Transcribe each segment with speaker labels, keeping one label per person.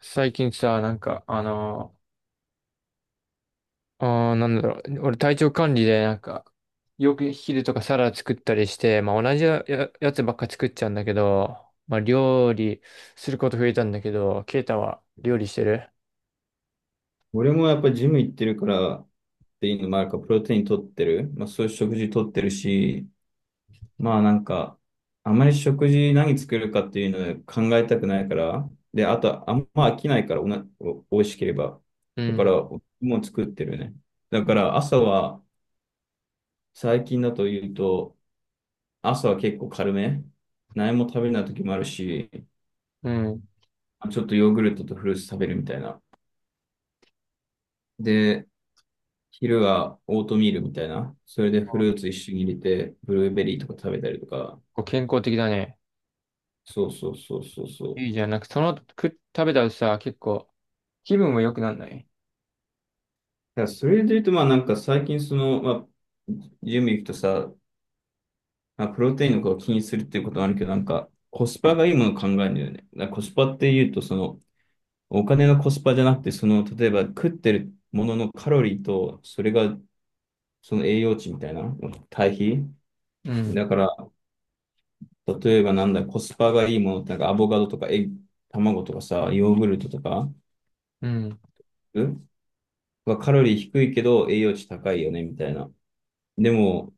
Speaker 1: 最近さ、俺体調管理で、よく昼とかサラダ作ったりして、まあ同じや、ややつばっか作っちゃうんだけど、まあ料理すること増えたんだけど、ケイタは料理してる？
Speaker 2: 俺もやっぱりジム行ってるからっていうのもあるから、プロテイン取ってる。まあそういう食事取ってるし、まあなんか、あまり食事何作るかっていうのを考えたくないから、で、あとあんま飽きないからおな、お、美味しければ。
Speaker 1: う
Speaker 2: だから、
Speaker 1: ん、
Speaker 2: もう作ってるね。だから朝は、最近だと言うと、朝は結構軽め。何も食べない時もあるし、
Speaker 1: うん。
Speaker 2: ちょっとヨーグルトとフルーツ食べるみたいな。で、昼はオートミールみたいな。それでフルーツ一緒に入れて、ブルーベリーとか食べたりとか。
Speaker 1: こう健康的だね。
Speaker 2: そうそうそうそうそう。
Speaker 1: いいじゃん。その食べたらさ、結構気分も良くなんない？
Speaker 2: だからそれで言うと、まあなんか最近その、まあ、準備行くとさ、まあ、プロテインのことを気にするっていうことはあるけど、なんかコスパがいいものを考えるんだよね。だからコスパって言うと、その、お金のコスパじゃなくて、その、例えば食ってるもののカロリーと、それが、その栄養値みたいな、対比。
Speaker 1: うん、
Speaker 2: だから、例えばなんだ、コスパがいいものって、なんかアボカドとか卵とかさ、ヨーグルトとか、
Speaker 1: うん。
Speaker 2: うん、はカロリー低いけど栄養値高いよね、みたいな。でも、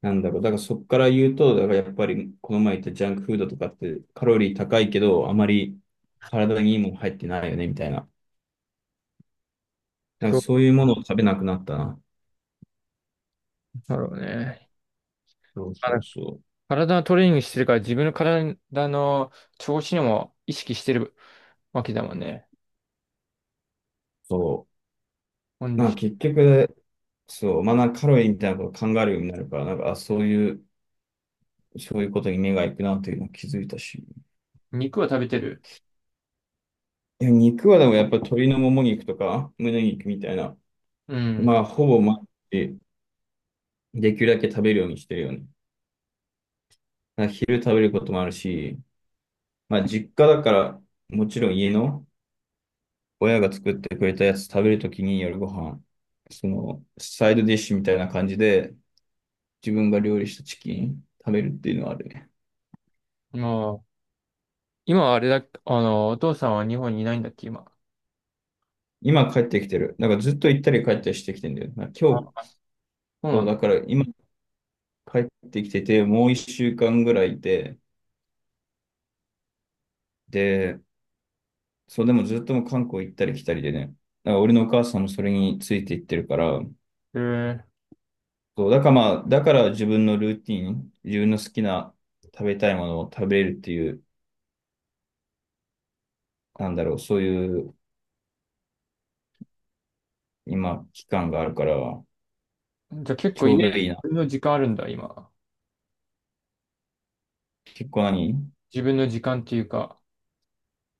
Speaker 2: なんだろう、だからそこから言うと、だからやっぱりこの前言ったジャンクフードとかってカロリー高いけど、あまり体にいいもの入ってないよね、みたいな。なん
Speaker 1: そ
Speaker 2: か
Speaker 1: う
Speaker 2: そういうものを食べなくなったな。
Speaker 1: だろうね。
Speaker 2: そう
Speaker 1: あ
Speaker 2: そう
Speaker 1: の
Speaker 2: そう。
Speaker 1: 体のトレーニングしてるから自分の体の調子にも意識してるわけだもんね。
Speaker 2: そ
Speaker 1: コン
Speaker 2: う。
Speaker 1: ディ
Speaker 2: まあ
Speaker 1: ショ
Speaker 2: 結局、そう、まあなんかカロリーみたいなことを考えるようになるから、なんか、あ、そういうことに目が行くなっていうのを気づいたし。
Speaker 1: ン。肉は食べてる？
Speaker 2: いや、肉はでもやっぱ鶏のもも肉とか胸肉みたいな、
Speaker 1: う
Speaker 2: ま
Speaker 1: ん。
Speaker 2: あほぼ毎日できるだけ食べるようにしてるよね。だから昼食べることもあるし、まあ実家だからもちろん家の親が作ってくれたやつ食べるときに夜ご飯、そのサイドディッシュみたいな感じで自分が料理したチキン食べるっていうのはあるね。
Speaker 1: まあ、今はあれだ、お父さんは日本にいないんだっけ、今。
Speaker 2: 今帰ってきてる。なんかずっと行ったり帰ったりしてきてんだよ。なんか今日、
Speaker 1: あ、そうな
Speaker 2: そう
Speaker 1: んだ。
Speaker 2: だから今帰ってきててもう1週間ぐらいいて、で、そう、でもずっともう韓国行ったり来たりでね。だから俺のお母さんもそれについていってるから、
Speaker 1: え
Speaker 2: そう、だからまあ、だから自分のルーティン、自分の好きな食べたいものを食べれるっていう、なんだろう、そういう今、期間があるから、
Speaker 1: ー、じゃあ結
Speaker 2: ち
Speaker 1: 構家、
Speaker 2: ょうど
Speaker 1: 自
Speaker 2: いいな。
Speaker 1: 分の時間あるんだ、今。
Speaker 2: 結構何
Speaker 1: 自分の時間っていうか、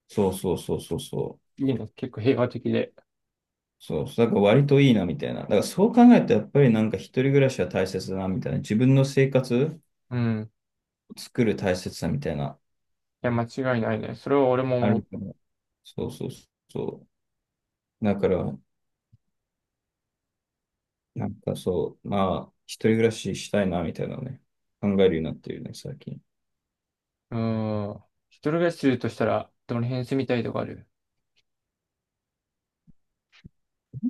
Speaker 2: そうそうそうそうそう。
Speaker 1: いいね、結構平和的で。
Speaker 2: そう、だから割といいなみたいな。だからそう考えるとやっぱりなんか一人暮らしは大切だなみたいな。自分の生活
Speaker 1: うん。
Speaker 2: を作る大切さみたいな。
Speaker 1: いや、間違いないね。それは俺も
Speaker 2: あ
Speaker 1: 思
Speaker 2: る
Speaker 1: う、
Speaker 2: から。そうそうそう。だから、なんかそう、まあ、一人暮らししたいな、みたいなのね、考えるようになってるね、最近。
Speaker 1: うん。一人暮らしするとしたら、どの辺住みたいとかある？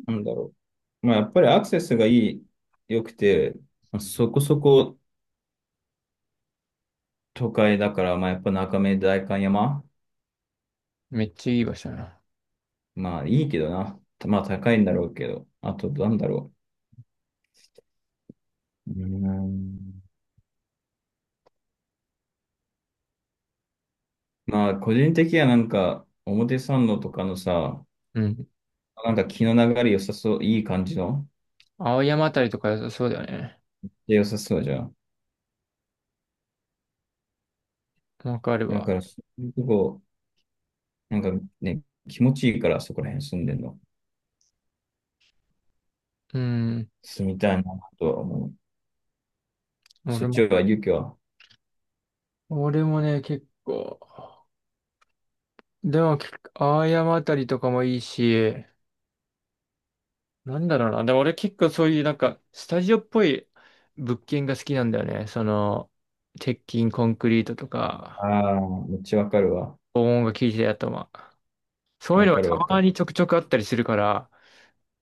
Speaker 2: なんだろう。まあ、やっぱりアクセスが良くて、まあそこそこ都会だから、まあ、やっぱ中目代官山、
Speaker 1: めっちゃいい場所だな。
Speaker 2: まあ、いいけどな。まあ、高いんだろうけど。あと、なんだろう。うーん。まあ、個人的にはなんか、表参道とかのさ、
Speaker 1: うん。
Speaker 2: なんか気の流れ良さそう、いい感じの、
Speaker 1: 青山あたりとか良さそうだよね。
Speaker 2: で良さそうじゃん。
Speaker 1: わかる
Speaker 2: だ
Speaker 1: わ。
Speaker 2: から、そういうとこ、なんかね、気持ちいいから、そこら辺住んでんの。
Speaker 1: うん。
Speaker 2: 住みたいなとは思う。
Speaker 1: 俺
Speaker 2: そっち
Speaker 1: も、
Speaker 2: は、勇気は。
Speaker 1: 結構、でも、結構青山あたりとかもいいし、なんだろうな。でも俺結構そういうスタジオっぽい物件が好きなんだよね。その、鉄筋コンクリートとか、
Speaker 2: ああ、めっちゃわかるわ。
Speaker 1: 防音が効いてるやつとか。そういう
Speaker 2: わ
Speaker 1: のが
Speaker 2: か
Speaker 1: た
Speaker 2: るわか
Speaker 1: ま
Speaker 2: る。
Speaker 1: にちょくちょくあったりするから、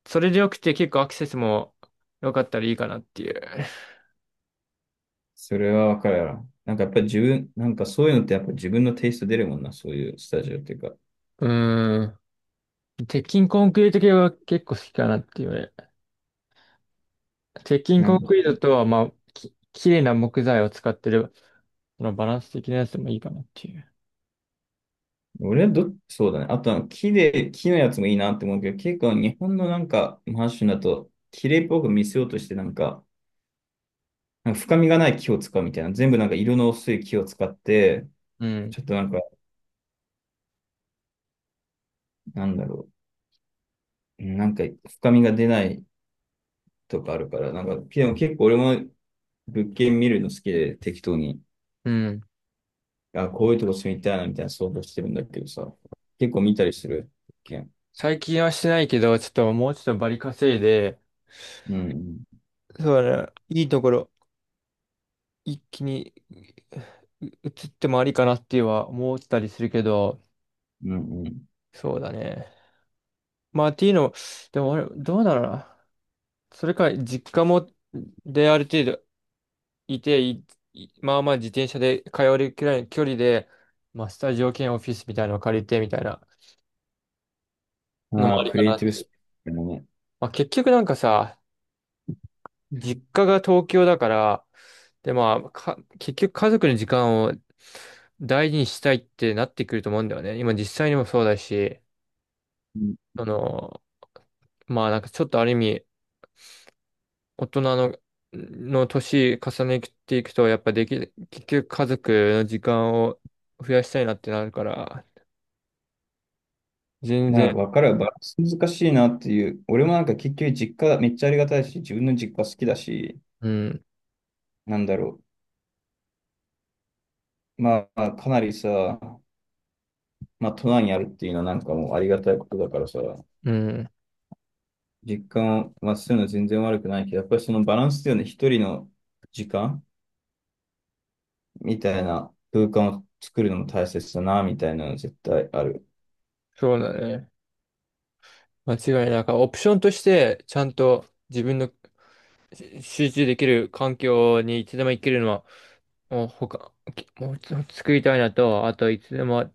Speaker 1: それでよくて結構アクセスも良かったらいいかなっていう。
Speaker 2: それはわかるやろ。なんかやっぱり自分、なんかそういうのってやっぱ自分のテイスト出るもんな、そういうスタジオっていうか。
Speaker 1: うーん。鉄筋コンクリート系は結構好きかなっていうね。鉄筋
Speaker 2: な
Speaker 1: コン
Speaker 2: んか、
Speaker 1: クリートとは、まあ、綺麗な木材を使ってる、そのバランス的なやつでもいいかなっていう。
Speaker 2: 俺はど、そうだね。あとは木のやつもいいなって思うけど、結構日本のなんか、マンションだと、綺麗っぽく見せようとしてなんか、なんか深みがない木を使うみたいな。全部なんか色の薄い木を使って、
Speaker 1: うん。
Speaker 2: ちょっとなんか、なんだろう。なんか深みが出ないとかあるから、なんか、でも結構俺も物件見るの好きで適当に、
Speaker 1: うん。
Speaker 2: あ、こういうとこ住みたいなみたいな想像してるんだけどさ、結構見たりする物件。
Speaker 1: 最近はしてないけど、ちょっともうちょっとバリ稼いで、
Speaker 2: うん、
Speaker 1: そうだね。いいところ、一気にう移ってもありかなっては思ったりするけど、
Speaker 2: うん、うん
Speaker 1: そうだね。まあ、っていうのでも俺、どうだろうな。それか、実家も、で、ある程度いて、いまあまあ自転車で通えるくらいの距離で、まあ、スタジオ兼オフィスみたいなのを借りてみたいな
Speaker 2: うん。
Speaker 1: の
Speaker 2: あ
Speaker 1: も
Speaker 2: あ、
Speaker 1: あり
Speaker 2: ク
Speaker 1: か
Speaker 2: リエ
Speaker 1: な
Speaker 2: イティ
Speaker 1: っ
Speaker 2: ブス
Speaker 1: て。
Speaker 2: ピーもね。
Speaker 1: まあ、結局なんかさ、実家が東京だから、で、まあ、か、結局家族の時間を大事にしたいってなってくると思うんだよね。今実際にもそうだし、
Speaker 2: うん、
Speaker 1: その、まあなんかちょっとある意味、大人の年重ねていくと、やっぱでき、結局家族の時間を増やしたいなってなるから、全
Speaker 2: ま
Speaker 1: 然、
Speaker 2: あ、わかるバランス難しいなっていう。俺もなんか結局実家めっちゃありがたいし、自分の実家好きだし、
Speaker 1: うん、
Speaker 2: なんだろう。まあ、かなりさ、まあ、都内にあるっていうのはなんかもうありがたいことだからさ、
Speaker 1: うん、
Speaker 2: 実家をまあ、するのは全然悪くないけど、やっぱりそのバランスだよね。一人の時間みたいな空間を作るのも大切だな、みたいなの絶対ある。
Speaker 1: そうだね。間違いない。からオプションとして、ちゃんと自分の集中できる環境にいつでも行けるのは、もうちょっと作りたいなと、あといつでも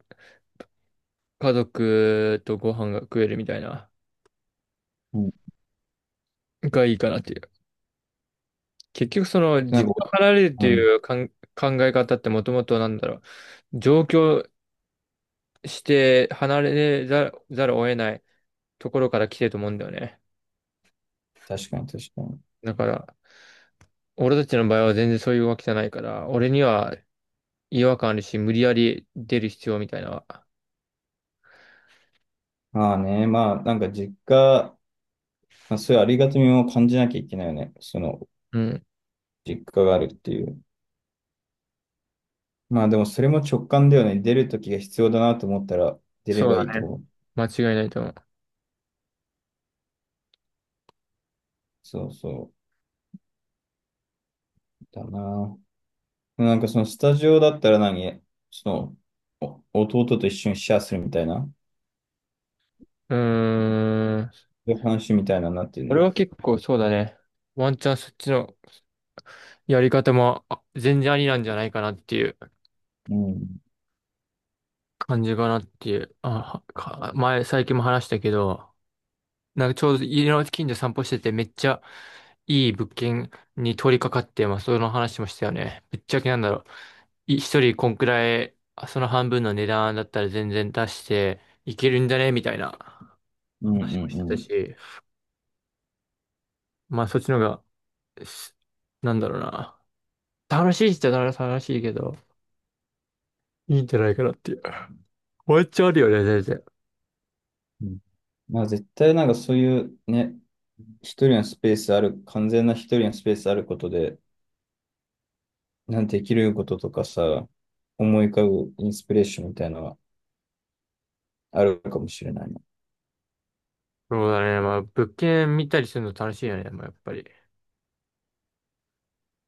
Speaker 1: 家族とご飯が食えるみたいな、
Speaker 2: うん。
Speaker 1: がいいかなっていう。結局その、
Speaker 2: なん
Speaker 1: 実
Speaker 2: か、
Speaker 1: 家離れるっ
Speaker 2: う
Speaker 1: て
Speaker 2: ん、
Speaker 1: いうかん考え方ってもともとなんだろう、上京して離れざる、ざるを得ないところから来てると思うんだよね。
Speaker 2: 確かに確かに。
Speaker 1: だから、俺たちの場合は全然そういうわけじゃないから、俺には違和感あるし、無理やり出る必要みたいな。
Speaker 2: まあね、まあなんか実家、まあ、そういうありがたみも感じなきゃいけないよね。その
Speaker 1: うん。
Speaker 2: 実家があるっていう。まあでもそれも直感だよね。出るときが必要だなと思ったら出れ
Speaker 1: そう
Speaker 2: ばいいと
Speaker 1: だね。
Speaker 2: 思う。
Speaker 1: 間違いないと思う。
Speaker 2: そうそうだな。なんかそのスタジオだったらそのお弟と一緒にシェアするみたいな、そ
Speaker 1: うーん。
Speaker 2: ういう話みたいななっていう
Speaker 1: 俺
Speaker 2: の。
Speaker 1: は結構そうだね。ワンチャンそっちのやり方も全然ありなんじゃないかなっていう
Speaker 2: うん。
Speaker 1: 感じかなっていう。あ、最近も話したけど、なんかちょうど家の近所散歩しててめっちゃいい物件に取り掛かって、まあその話もしたよね。ぶっちゃけなんだろう。一人こんくらい、その半分の値段だったら全然出していけるんじゃねみたいな
Speaker 2: うんうん
Speaker 1: 話もして
Speaker 2: う
Speaker 1: た
Speaker 2: ん。
Speaker 1: し、まあそっちの方が、すなんだろうな。楽しいっちゃ楽しいけど、いいんじゃないかなっていう。ワンチャあるよね、全然。
Speaker 2: うん、まあ、絶対なんかそういうね、一人のスペースある、完全な一人のスペースあることで、なんてできることとかさ、思い浮かぶインスピレーションみたいなのがあるかもしれないな。い
Speaker 1: そうだね。まあ、物件見たりするの楽しいよね、まあ、やっぱり。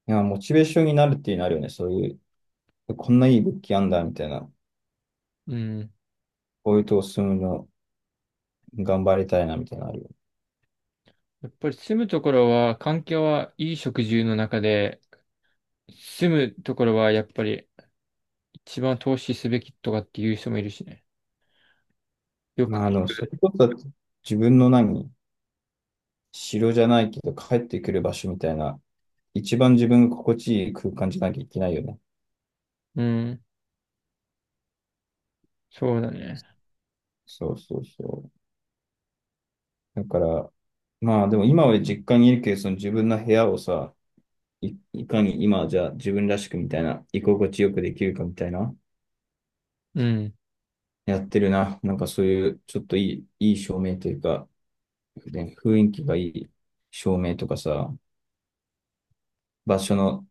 Speaker 2: や、モチベーションになるっていうのあるよね。そういう、こんないい物件あんだみたいな。
Speaker 1: うん。
Speaker 2: こういうとこ住むの頑張りたいなみたいなのあるよね。
Speaker 1: やっぱり住むところは、環境はいい食住の中で、住むところはやっぱり一番投資すべきとかっていう人もいるしね。よく聞
Speaker 2: まあ、でもそ
Speaker 1: く。
Speaker 2: れこそ自分の城じゃないけど帰ってくる場所みたいな、一番自分が心地いい空間じゃなきゃいけないよね。
Speaker 1: うん。そうだね。
Speaker 2: そうそうそう。だから、まあでも今は実家にいるけど、その自分の部屋をさ、いかに今じゃあ自分らしくみたいな、居心地よくできるかみたいな、
Speaker 1: うん。
Speaker 2: やってるな。なんかそういう、ちょっといい照明というか、ね、雰囲気がいい照明とかさ、場所の、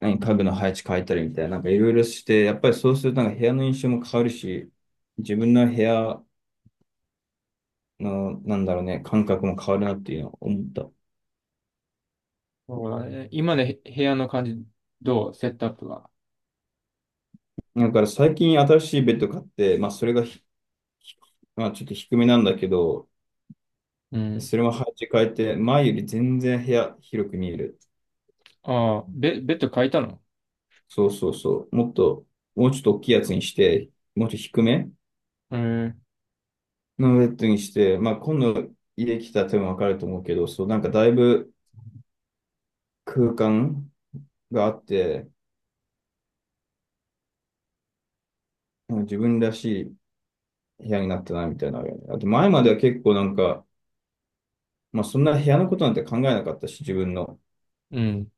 Speaker 2: 家具の配置変えたりみたいな、なんかいろいろして、やっぱりそうするとなんか部屋の印象も変わるし、自分の部屋の、なんだろうね、感覚も変わるなっていうのを思った。
Speaker 1: そうだね。今の部屋の感じ、どうセットアップが。
Speaker 2: だから最近新しいベッド買って、まあそれがまあ、ちょっと低めなんだけど、
Speaker 1: うん。
Speaker 2: それも配置変えて、前より全然部屋広く見える。
Speaker 1: ああ、ベッド変えたの？
Speaker 2: そうそうそう。もうちょっと大きいやつにして、もっと低め
Speaker 1: うん。
Speaker 2: のベッドにして、まあ、今度家来たら多分わかると思うけど、そう、なんかだいぶ空間があって、うん、自分らしい部屋になったな、みたいなのあるよね。あと前までは結構なんか、まあ、そんな部屋のことなんて考えなかったし、自分の。
Speaker 1: うん。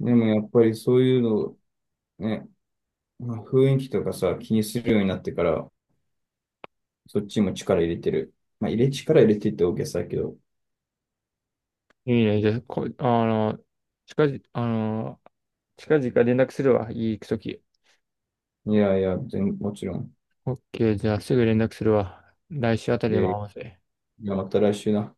Speaker 2: でもやっぱりそういうのをね、まあ、雰囲気とかさ、気にするようになってから、そっちも力入れてる。まあ、力入れてって大げさだけど。
Speaker 1: いいね。じゃあ、こ、あの、近々、近々連絡するわ。いい行くとき。
Speaker 2: いやいや、もちろん。
Speaker 1: オッケー、じゃあすぐ連絡するわ。来週あた
Speaker 2: い
Speaker 1: りでも
Speaker 2: や
Speaker 1: 合
Speaker 2: い
Speaker 1: わせ。
Speaker 2: や、また来週な。